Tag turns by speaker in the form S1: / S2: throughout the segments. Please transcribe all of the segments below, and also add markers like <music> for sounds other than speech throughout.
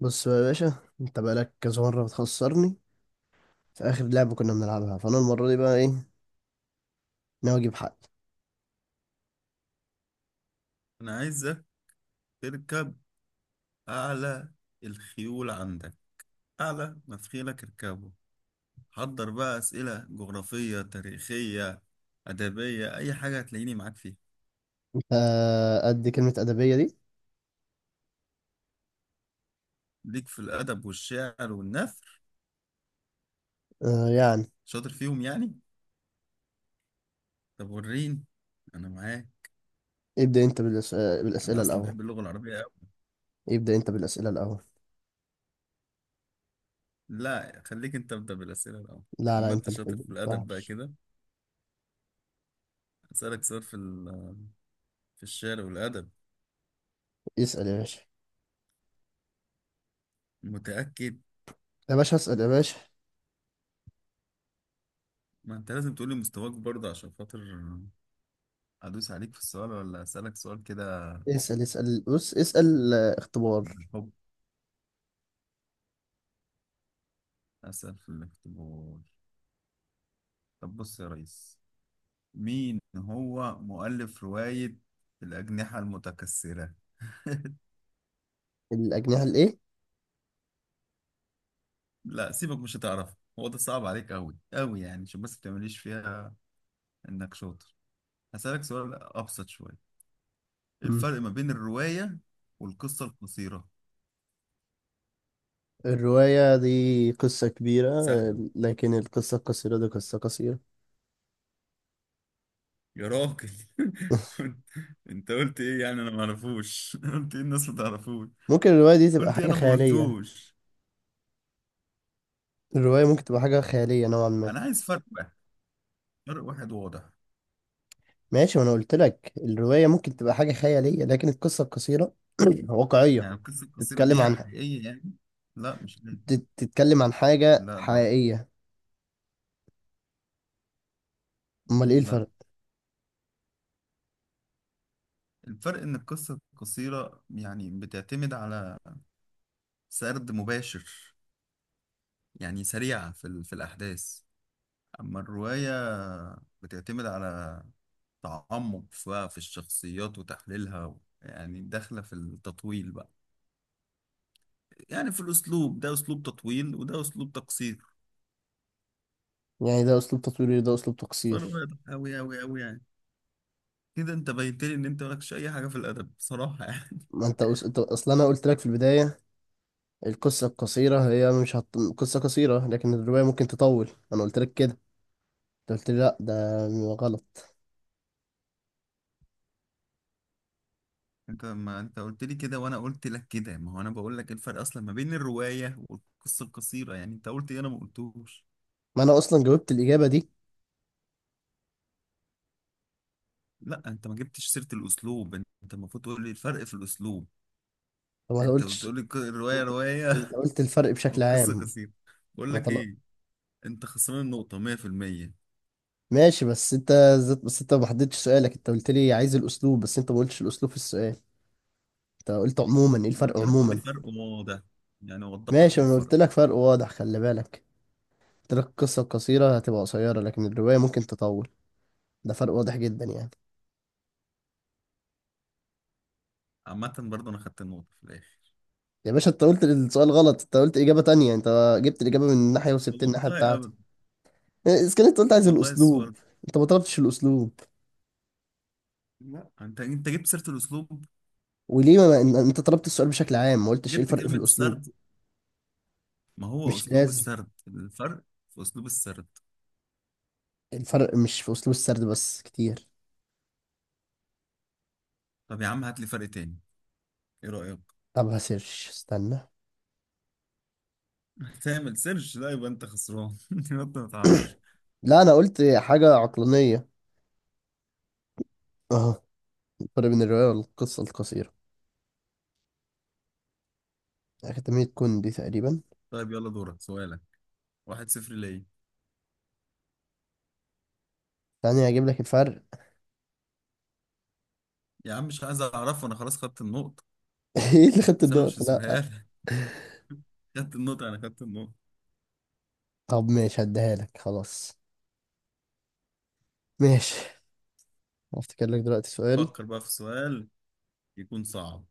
S1: بص بقى يا باشا، انت بقالك كذا مرة بتخسرني في آخر لعبة كنا بنلعبها، فأنا المرة دي بقى ايه، ناوي أجيب حق.
S2: أنا عايزك تركب أعلى الخيول عندك، أعلى ما في خيلك اركبه. حضر بقى أسئلة جغرافية، تاريخية، أدبية، أي حاجة هتلاقيني معاك فيها.
S1: آه، قد كلمة أدبية دي؟
S2: ليك في الأدب والشعر والنثر،
S1: آه يعني.
S2: شاطر فيهم يعني. طب وريني، أنا معاك.
S1: ابدأ انت
S2: أنا
S1: بالأسئلة
S2: أصلا
S1: الأول.
S2: بحب اللغة العربية أوي.
S1: ابدأ انت بالأسئلة الأول.
S2: لا خليك أنت، أبدأ بالأسئلة الأول.
S1: لا لا،
S2: أما
S1: انت
S2: أنت
S1: اللي
S2: شاطر
S1: تبدأ،
S2: في الأدب بقى
S1: متنفعش.
S2: كده، أسألك سؤال في في الشعر والأدب.
S1: اسأل يا باشا.
S2: متأكد؟
S1: يا باشا اسأل يا باشا.
S2: ما أنت لازم تقولي مستواك برضه عشان خاطر أدوس عليك في السؤال، ولا أسألك سؤال كده.
S1: اسأل اسأل، بص اسأل، اختبار.
S2: بالحب، أسأل في الاختبار. طب بص يا ريس، مين هو مؤلف رواية الأجنحة المتكسرة؟ <laughs>
S1: الأجنحة الإيه؟
S2: لا سيبك، مش هتعرف. هو ده صعب عليك أوي أوي يعني، عشان بس بتعمليش فيها إنك شاطر. هسألك سؤال أبسط شوية. إيه
S1: مم.
S2: الفرق ما بين الرواية والقصة القصيرة؟
S1: الرواية دي قصة كبيرة،
S2: سهلة
S1: لكن القصة القصيرة دي قصة قصيرة.
S2: يا راجل.
S1: <laughs>
S2: <laughs> انت قلت ايه يعني؟ انا ما اعرفوش. <laughs> قلت ايه؟ الناس ما تعرفوش.
S1: ممكن الرواية دي تبقى
S2: قلت ايه؟
S1: حاجة
S2: انا ما
S1: خيالية.
S2: قلتوش.
S1: الرواية ممكن تبقى حاجة خيالية نوعا ما.
S2: انا عايز فرق واحد، فرق واحد واضح.
S1: ماشي، وانا قلت لك الرواية ممكن تبقى حاجة خيالية، لكن القصة القصيرة <clears throat> واقعية.
S2: يعني القصه القصيره
S1: تتكلم
S2: دي
S1: عن،
S2: حقيقيه يعني؟ لا مش لازم.
S1: تتكلم عن حاجة
S2: لا برضه.
S1: حقيقية. امال ايه
S2: لا.
S1: الفرق؟
S2: الفرق ان القصه القصيره يعني بتعتمد على سرد مباشر، يعني سريعه في في الاحداث. اما الروايه بتعتمد على تعمق في الشخصيات وتحليلها يعني داخله في التطويل بقى. يعني في الاسلوب، ده اسلوب تطويل وده اسلوب تقصير.
S1: يعني ده اسلوب تصويري، ده اسلوب تقصير.
S2: فرق واضح قوي قوي قوي يعني. كده انت بينت لي ان انت مالكش اي حاجه في الادب بصراحه يعني.
S1: ما انت اصلا انا قلت لك في البداية، القصة القصيرة هي مش هت... قصة قصيرة، لكن الرواية ممكن تطول، انا قلت لك كده. انت قلت لي لا، ده غلط.
S2: <laughs> ما انت قلت لي كده وانا قلت لك كده. ما هو انا بقول لك ايه الفرق اصلا ما بين الروايه والقصه القصيره يعني، انت قلت ايه؟ انا ما قلتوش.
S1: ما انا اصلا جاوبت الإجابة دي.
S2: لا انت ما جبتش سيره الاسلوب. انت المفروض تقول لي الفرق في الاسلوب.
S1: وما
S2: انت
S1: قلتش.
S2: بتقول لي
S1: انت
S2: الروايه روايه،
S1: أنت
S2: <laughs>
S1: قلت الفرق بشكل
S2: والقصه
S1: عام.
S2: قصيره. بقول
S1: ما
S2: لك
S1: طلع.
S2: ايه؟ انت خسران النقطه 100%.
S1: ماشي، بس انت، ذات بس انت ما حددتش سؤالك، انت قلت لي عايز الاسلوب، بس انت ما قلتش الاسلوب في السؤال. انت قلت عموما ايه
S2: انا
S1: الفرق
S2: قلت لك قول لي
S1: عموما؟
S2: فرق وواضح، يعني وضح
S1: ماشي،
S2: لي
S1: انا قلت
S2: الفرق.
S1: لك فرق واضح، خلي بالك. قلت لك القصه القصيره هتبقى قصيره، لكن الروايه ممكن تطول. ده فرق واضح جدا يعني.
S2: عامه برضه انا خدت النقطه في الاخر.
S1: يا باشا، انت قلت السؤال غلط، انت قلت اجابه تانية، انت جبت الاجابه من ناحيه، وسبت الناحيه
S2: والله
S1: بتاعتي.
S2: ابدا.
S1: اذا كان انت قلت عايز
S2: والله
S1: الاسلوب،
S2: السؤال.
S1: انت ما طلبتش الاسلوب.
S2: لا انت جبت سيره الاسلوب،
S1: وليه انت طلبت السؤال بشكل عام، ما قلتش ايه
S2: جبت
S1: الفرق في
S2: كلمه
S1: الاسلوب.
S2: السرد. ما هو
S1: مش
S2: اسلوب
S1: لازم.
S2: السرد الفرق، في اسلوب السرد.
S1: الفرق مش في اسلوب السرد بس، كتير.
S2: طب يا عم هات لي فرق تاني، ايه رايك؟
S1: طب هسيرش، استنى.
S2: <laughs> تعمل سيرش؟ لا يبقى انت خسران. <laughs> يبقى انت ما تعرفش.
S1: لا، انا قلت حاجة عقلانية. اه، الفرق بين الرواية والقصة القصيرة، أكاديمية كوندي تقريبا.
S2: طيب يلا دورك، سؤالك. واحد صفر ليا.
S1: ثانية هجيب لك الفرق.
S2: يا عم مش عايز اعرفه، انا خلاص خدت النقطه.
S1: <laughs> ايه اللي خدت
S2: بس انا مش
S1: النقطة؟
S2: هسيبها
S1: لا.
S2: لك. <laughs> خدت النقطه، انا خدت النقطه.
S1: طب ماشي، هديها لك خلاص. ماشي. هفتكر لك دلوقتي سؤال.
S2: فكر بقى في سؤال يكون صعب،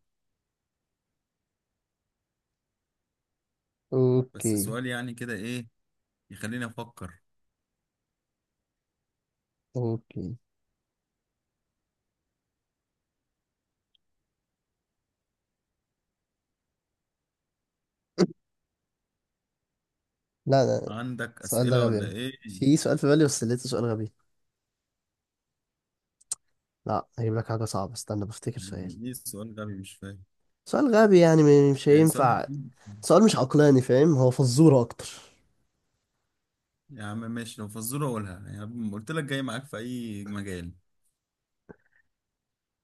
S2: بس
S1: اوكي.
S2: سؤال يعني كده، ايه يخليني افكر.
S1: اوكي. لا لا.
S2: عندك
S1: السؤال ده
S2: اسئله
S1: غبي
S2: ولا
S1: أوي.
S2: ايه؟
S1: في سؤال في بالي، بس لقيته سؤال غبي. لا، هجيب لك حاجة صعبة، استنى بفتكر سؤال.
S2: يعني ايه سؤال غبي؟ مش فاهم.
S1: سؤال غبي، يعني مش
S2: يعني سؤال؟
S1: هينفع. سؤال مش عقلاني، فاهم؟ هو فزورة أكتر.
S2: يا عم ماشي، لو فزورة قولها. يعني قلت لك جاي معاك في أي مجال.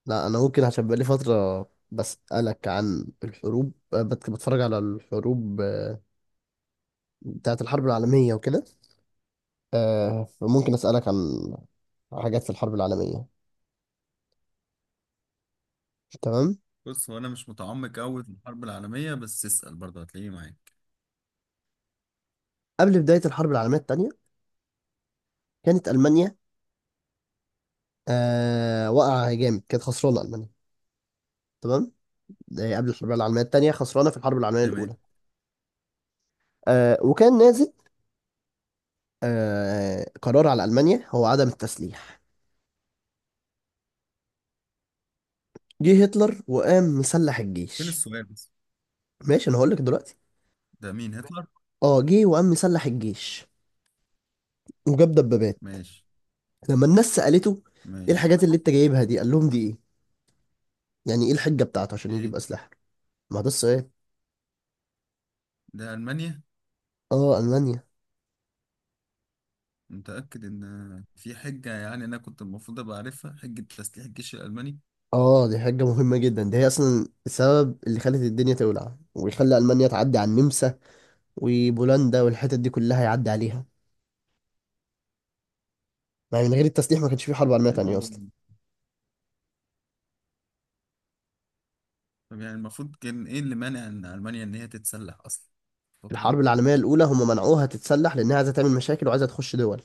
S1: لا انا ممكن، عشان بقالي فتره بسالك عن الحروب، بتفرج على الحروب، بتاعه الحرب العالميه وكده. فممكن اسالك عن حاجات في الحرب العالميه. تمام.
S2: بص هو أنا مش متعمق أوي في الحرب العالمية، بس اسأل برضه هتلاقيه معاك.
S1: قبل بدايه الحرب العالميه الثانيه، كانت المانيا واقعه جامد، كانت خسرانه المانيا. تمام. ده قبل الحرب العالميه الثانيه، خسرانه في الحرب العالميه
S2: تمام.
S1: الاولى. وكان نازل قرار على المانيا هو عدم التسليح. جه هتلر وقام مسلح
S2: فين
S1: الجيش.
S2: السؤال بس؟
S1: ماشي، انا هقول لك دلوقتي.
S2: ده مين هتلر؟
S1: اه، جه وقام مسلح الجيش وجاب دبابات.
S2: ماشي.
S1: لما الناس سألته ايه
S2: ماشي.
S1: الحاجات اللي انت جايبها دي، قال لهم دي ايه. يعني ايه الحجة بتاعته عشان
S2: إيه؟
S1: يجيب أسلحة. ما ده السؤال.
S2: ده ألمانيا؟
S1: اه، ألمانيا.
S2: متأكد إن في حجة؟ يعني أنا كنت المفروض أبقى عارفها حجة تسليح الجيش الألماني؟
S1: اه، دي حاجة مهمة جدا، دي هي أصلا السبب اللي خلت الدنيا تولع، ويخلي ألمانيا تعدي على النمسا وبولندا والحتت دي كلها، يعدي عليها. يعني من غير التسليح ما كانش في حرب عالمية
S2: إيه
S1: تانية
S2: الموضوع
S1: أصلا.
S2: ده؟ طب يعني المفروض كان إيه اللي مانع إن ألمانيا إن هي تتسلح أصلا
S1: في
S2: الفترة
S1: الحرب
S2: دي؟
S1: العالمية الأولى هم منعوها تتسلح، لأنها عايزة تعمل مشاكل وعايزة تخش دول،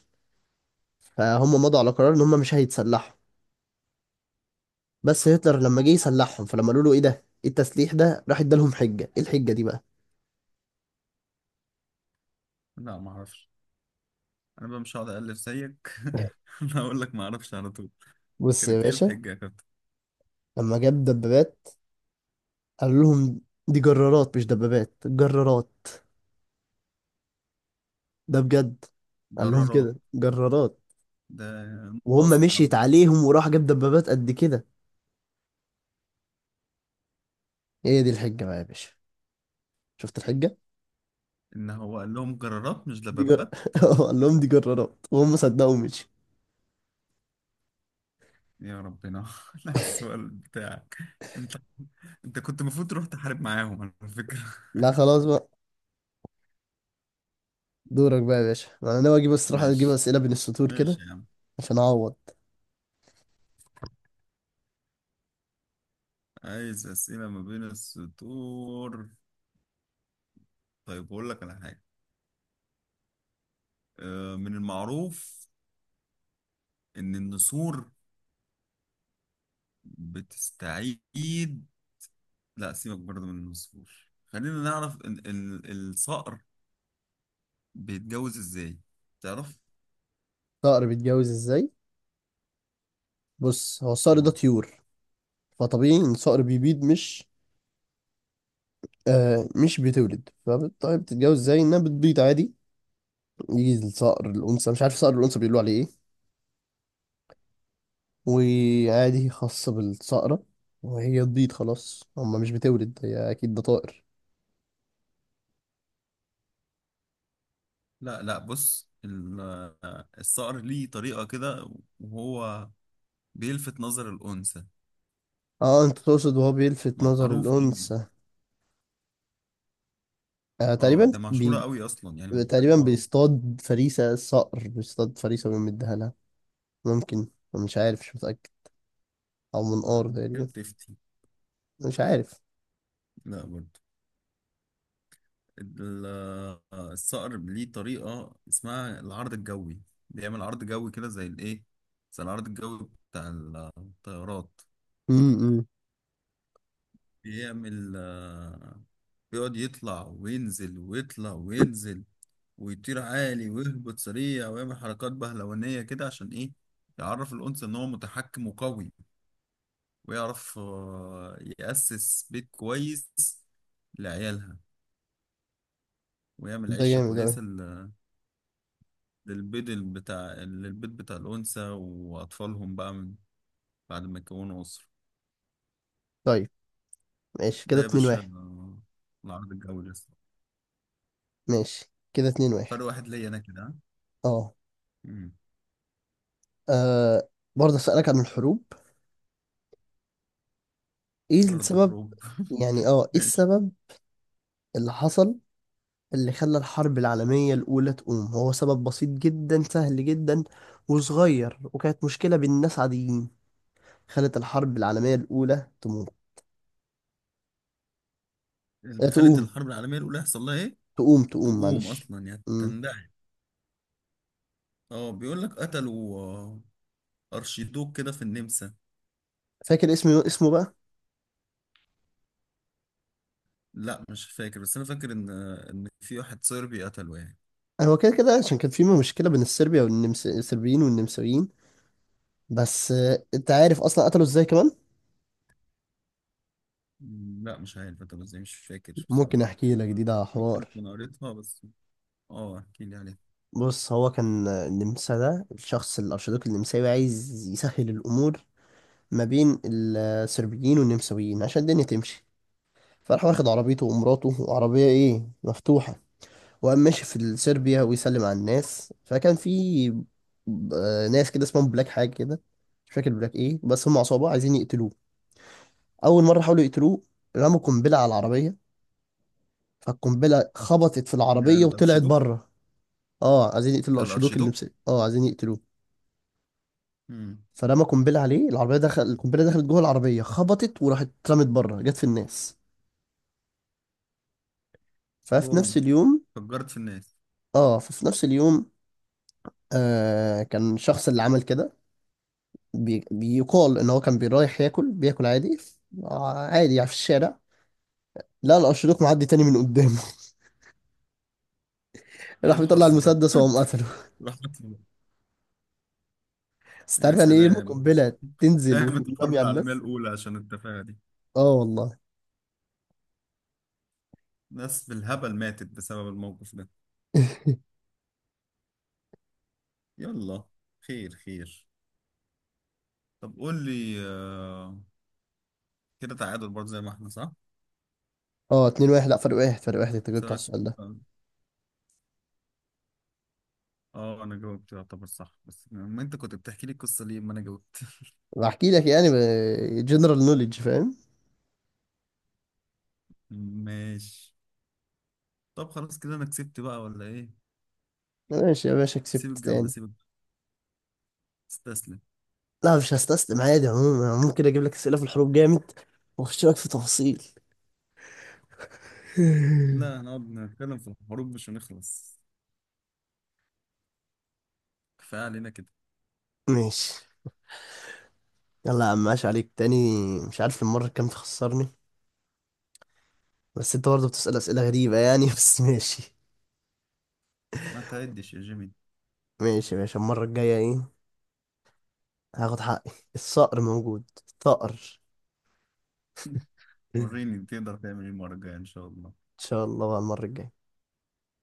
S1: فهم مضوا على قرار إن هم مش هيتسلحوا. بس هتلر لما جه يسلحهم، فلما قالوا له ايه ده، ايه التسليح ده، راح ادالهم حجة. ايه الحجة دي بقى؟
S2: لا معرفش. أنا بقى مش هقعد ألف زيك، <laughs> أنا هقول لك معرفش على طول.
S1: بص يا
S2: كانت إيه
S1: باشا،
S2: الحجة يا كابتن؟
S1: لما جاب دبابات قال لهم دي جرارات، مش دبابات، جرارات. ده بجد. قال لهم
S2: جرارات؟
S1: كده جرارات،
S2: ده
S1: وهم
S2: ناصح قوي.
S1: مشيت عليهم، وراح جاب دبابات قد كده. هي دي الحجة بقى يا باشا. شفت الحجة؟
S2: ان هو قال لهم جرارات مش
S1: دي جر
S2: دبابات؟
S1: <laughs> قال لهم دي جرارات، وهم صدقوا، مشي.
S2: يا ربنا. <laughs> لا السؤال بتاعك، انت انت كنت المفروض تروح تحارب معاهم على فكرة.
S1: لا خلاص بقى. دورك بقى يا باشا، انا ناوي اجيب،
S2: <laughs>
S1: الصراحة، اجيب
S2: ماشي.
S1: اسئلة بين السطور
S2: ماشي
S1: كده،
S2: يا عم.
S1: عشان اعوض.
S2: عايز أسئلة ما بين السطور. طيب بقول لك على حاجة. من المعروف ان النسور بتستعيد. لا سيبك برضه من النسور. خلينا نعرف إن الصقر بيتجوز ازاي. تعرف؟
S1: صقر بيتجوز ازاي؟ بص، هو الصقر ده
S2: اه.
S1: طيور، فطبيعي ان الصقر بيبيض، مش مش بتولد. فطيب بتتجوز ازاي؟ انها بتبيض عادي. يجي الصقر الانثى، مش عارف صقر الانثى بيقولوا عليه ايه، وعادي خاصة بالصقرة، وهي تبيض خلاص. هما مش بتولد، هي اكيد ده طائر.
S2: لا لا، بص الصقر ليه طريقة كده وهو بيلفت نظر الأنثى.
S1: اه، انت تقصد وهو بيلفت نظر
S2: معروف يعني.
S1: الانثى. آه
S2: اه
S1: تقريبا
S2: ده مشهورة
S1: بي...
S2: قوي أصلا يعني. حاجة
S1: تقريبا
S2: معروفة.
S1: بيصطاد فريسة، الصقر بيصطاد فريسة ويمدها لها. ممكن. مش عارف، مش متأكد. او منقار
S2: لا أنت كده
S1: تقريبا.
S2: بتفتي.
S1: مش عارف.
S2: لا برضه. ال- الصقر ليه طريقة اسمها العرض الجوي. بيعمل عرض جوي كده زي الإيه، زي العرض الجوي بتاع الطيارات.
S1: امم.
S2: بيعمل آه، بيقعد يطلع وينزل، ويطلع وينزل، ويطير عالي ويهبط سريع، ويعمل حركات بهلوانية كده. عشان إيه؟ يعرف الأنثى إن هو متحكم وقوي، ويعرف يأسس بيت كويس لعيالها، ويعمل
S1: ده
S2: عيشة
S1: جامد أوي.
S2: كويسة للبيض بتاع للبيت بتاع الأنثى وأطفالهم بقى، من بعد ما يكونوا أسرة.
S1: طيب. ماشي
S2: ده
S1: كده
S2: يا
S1: اتنين
S2: باشا
S1: واحد.
S2: العرض الجوي لسه.
S1: ماشي كده اتنين واحد.
S2: فرق واحد ليا أنا كده، ها؟
S1: اه.
S2: مم.
S1: آه، برضه اسألك عن الحروب. ايه
S2: برضه
S1: السبب؟
S2: حروب.
S1: يعني
S2: <laughs>
S1: ايه
S2: ماشي.
S1: السبب اللي حصل، اللي خلى الحرب العالمية الأولى تقوم؟ هو سبب بسيط جدا، سهل جدا وصغير، وكانت مشكلة بين ناس عاديين، خلت الحرب العالمية الأولى تموت.
S2: اللي خلت
S1: تقوم،
S2: الحرب العالمية الأولى يحصل لها إيه؟
S1: تقوم تقوم،
S2: تقوم
S1: معلش.
S2: أصلا يعني
S1: مم.
S2: تندعي. اه بيقول لك قتلوا ارشيدوك كده في النمسا.
S1: فاكر اسمه، اسمه بقى.
S2: لا مش فاكر، بس انا فاكر ان في واحد صربي قتله يعني.
S1: هو كده كده، عشان كان في مشكلة بين الصربيا والنمس، الصربيين والنمساويين. بس انت عارف اصلا قتلوا ازاي كمان؟
S2: لا مش عارف قتله ازاي، مش فاكر بصراحة.
S1: ممكن احكي لك، دي ده
S2: ممكن
S1: حوار.
S2: اكون قريتها بس. اه احكي لي عليها.
S1: بص، هو كان النمسا ده الشخص الارشدوك النمساوي عايز يسهل الامور ما بين الصربيين والنمساويين، عشان الدنيا تمشي. فراح واخد عربيته ومراته، وعربيه ايه، مفتوحه، وقام ماشي في صربيا ويسلم على الناس. فكان في ب- ناس كده اسمهم بلاك حاجه كده، مش فاكر بلاك ايه، بس هم عصابه عايزين يقتلوه. اول مره حاولوا يقتلوه، رموا قنبله على العربيه، فالقنبله خبطت في
S2: ده
S1: العربيه وطلعت
S2: الارشيدوك؟
S1: بره. اه، عايزين يقتلوا
S2: ده
S1: الارشيدوك،
S2: الارشيدوك.
S1: اه عايزين يقتلوه.
S2: امم.
S1: فرمى قنبله عليه العربيه، دخل القنبله، دخلت جوه العربيه، خبطت وراحت اترمت بره، جت في الناس. ففي نفس
S2: بوم،
S1: اليوم.
S2: فجرت في الناس.
S1: اه، ففي نفس اليوم كان الشخص اللي عمل كده، بيقال ان هو كان رايح ياكل، بياكل عادي، عادي يعني في الشارع، لقى الارشيدوك معدي تاني من قدامه. <laughs>
S2: ايه
S1: راح بيطلع
S2: الحظ ده؟
S1: المسدس
S2: <laughs>
S1: وقام قتله.
S2: راح قتله.
S1: بس
S2: يا
S1: تعرف يعني ايه يرمي
S2: سلام.
S1: قنبله تنزل
S2: قامت الحرب
S1: وتنرمي على
S2: العالمية
S1: الناس.
S2: الأولى عشان التفاهة دي.
S1: اه والله.
S2: ناس بالهبل ماتت بسبب الموقف ده.
S1: <laughs>
S2: يلا. خير خير. طب قول لي، كده تعادل برضه زي ما احنا، صح؟
S1: اه، 2-1. لا، فرق واحد، فرق واحد انت جبت على
S2: سؤالك.
S1: السؤال ده.
S2: اه انا جاوبت يعتبر صح، بس ما انت كنت بتحكي لي القصه ليه، ما انا جاوبت. <laughs>
S1: بحكي لك، يعني جنرال نوليدج، فاهم.
S2: ماشي. طب خلاص كده انا كسبت بقى ولا ايه؟
S1: ماشي يا باشا،
S2: سيب
S1: كسبت
S2: الجوله،
S1: تاني.
S2: سيب الجولة. استسلم.
S1: لا مش هستسلم، عادي. عموما ممكن اجيب لك اسئله في الحروب جامد، واخش لك في تفاصيل. <laughs>
S2: لا هنقعد نتكلم في الحروب مش هنخلص. كفايه علينا كده.
S1: ماشي. يلا يا عم، ماشي عليك تاني. مش عارف المره كام تخسرني. بس انت برضه بتسال اسئله غريبه يعني. <laughs> بس ماشي.
S2: ما تعدش يا جيمي.
S1: ماشي يا باشا، المره الجايه ايه، هاخد حقي، الصقر موجود، الثأر.
S2: <laughs>
S1: <laughs>
S2: وريني تقدر تعمل ايه المره الجايه ان شاء الله.
S1: ان شاء الله بقى المره الجايه.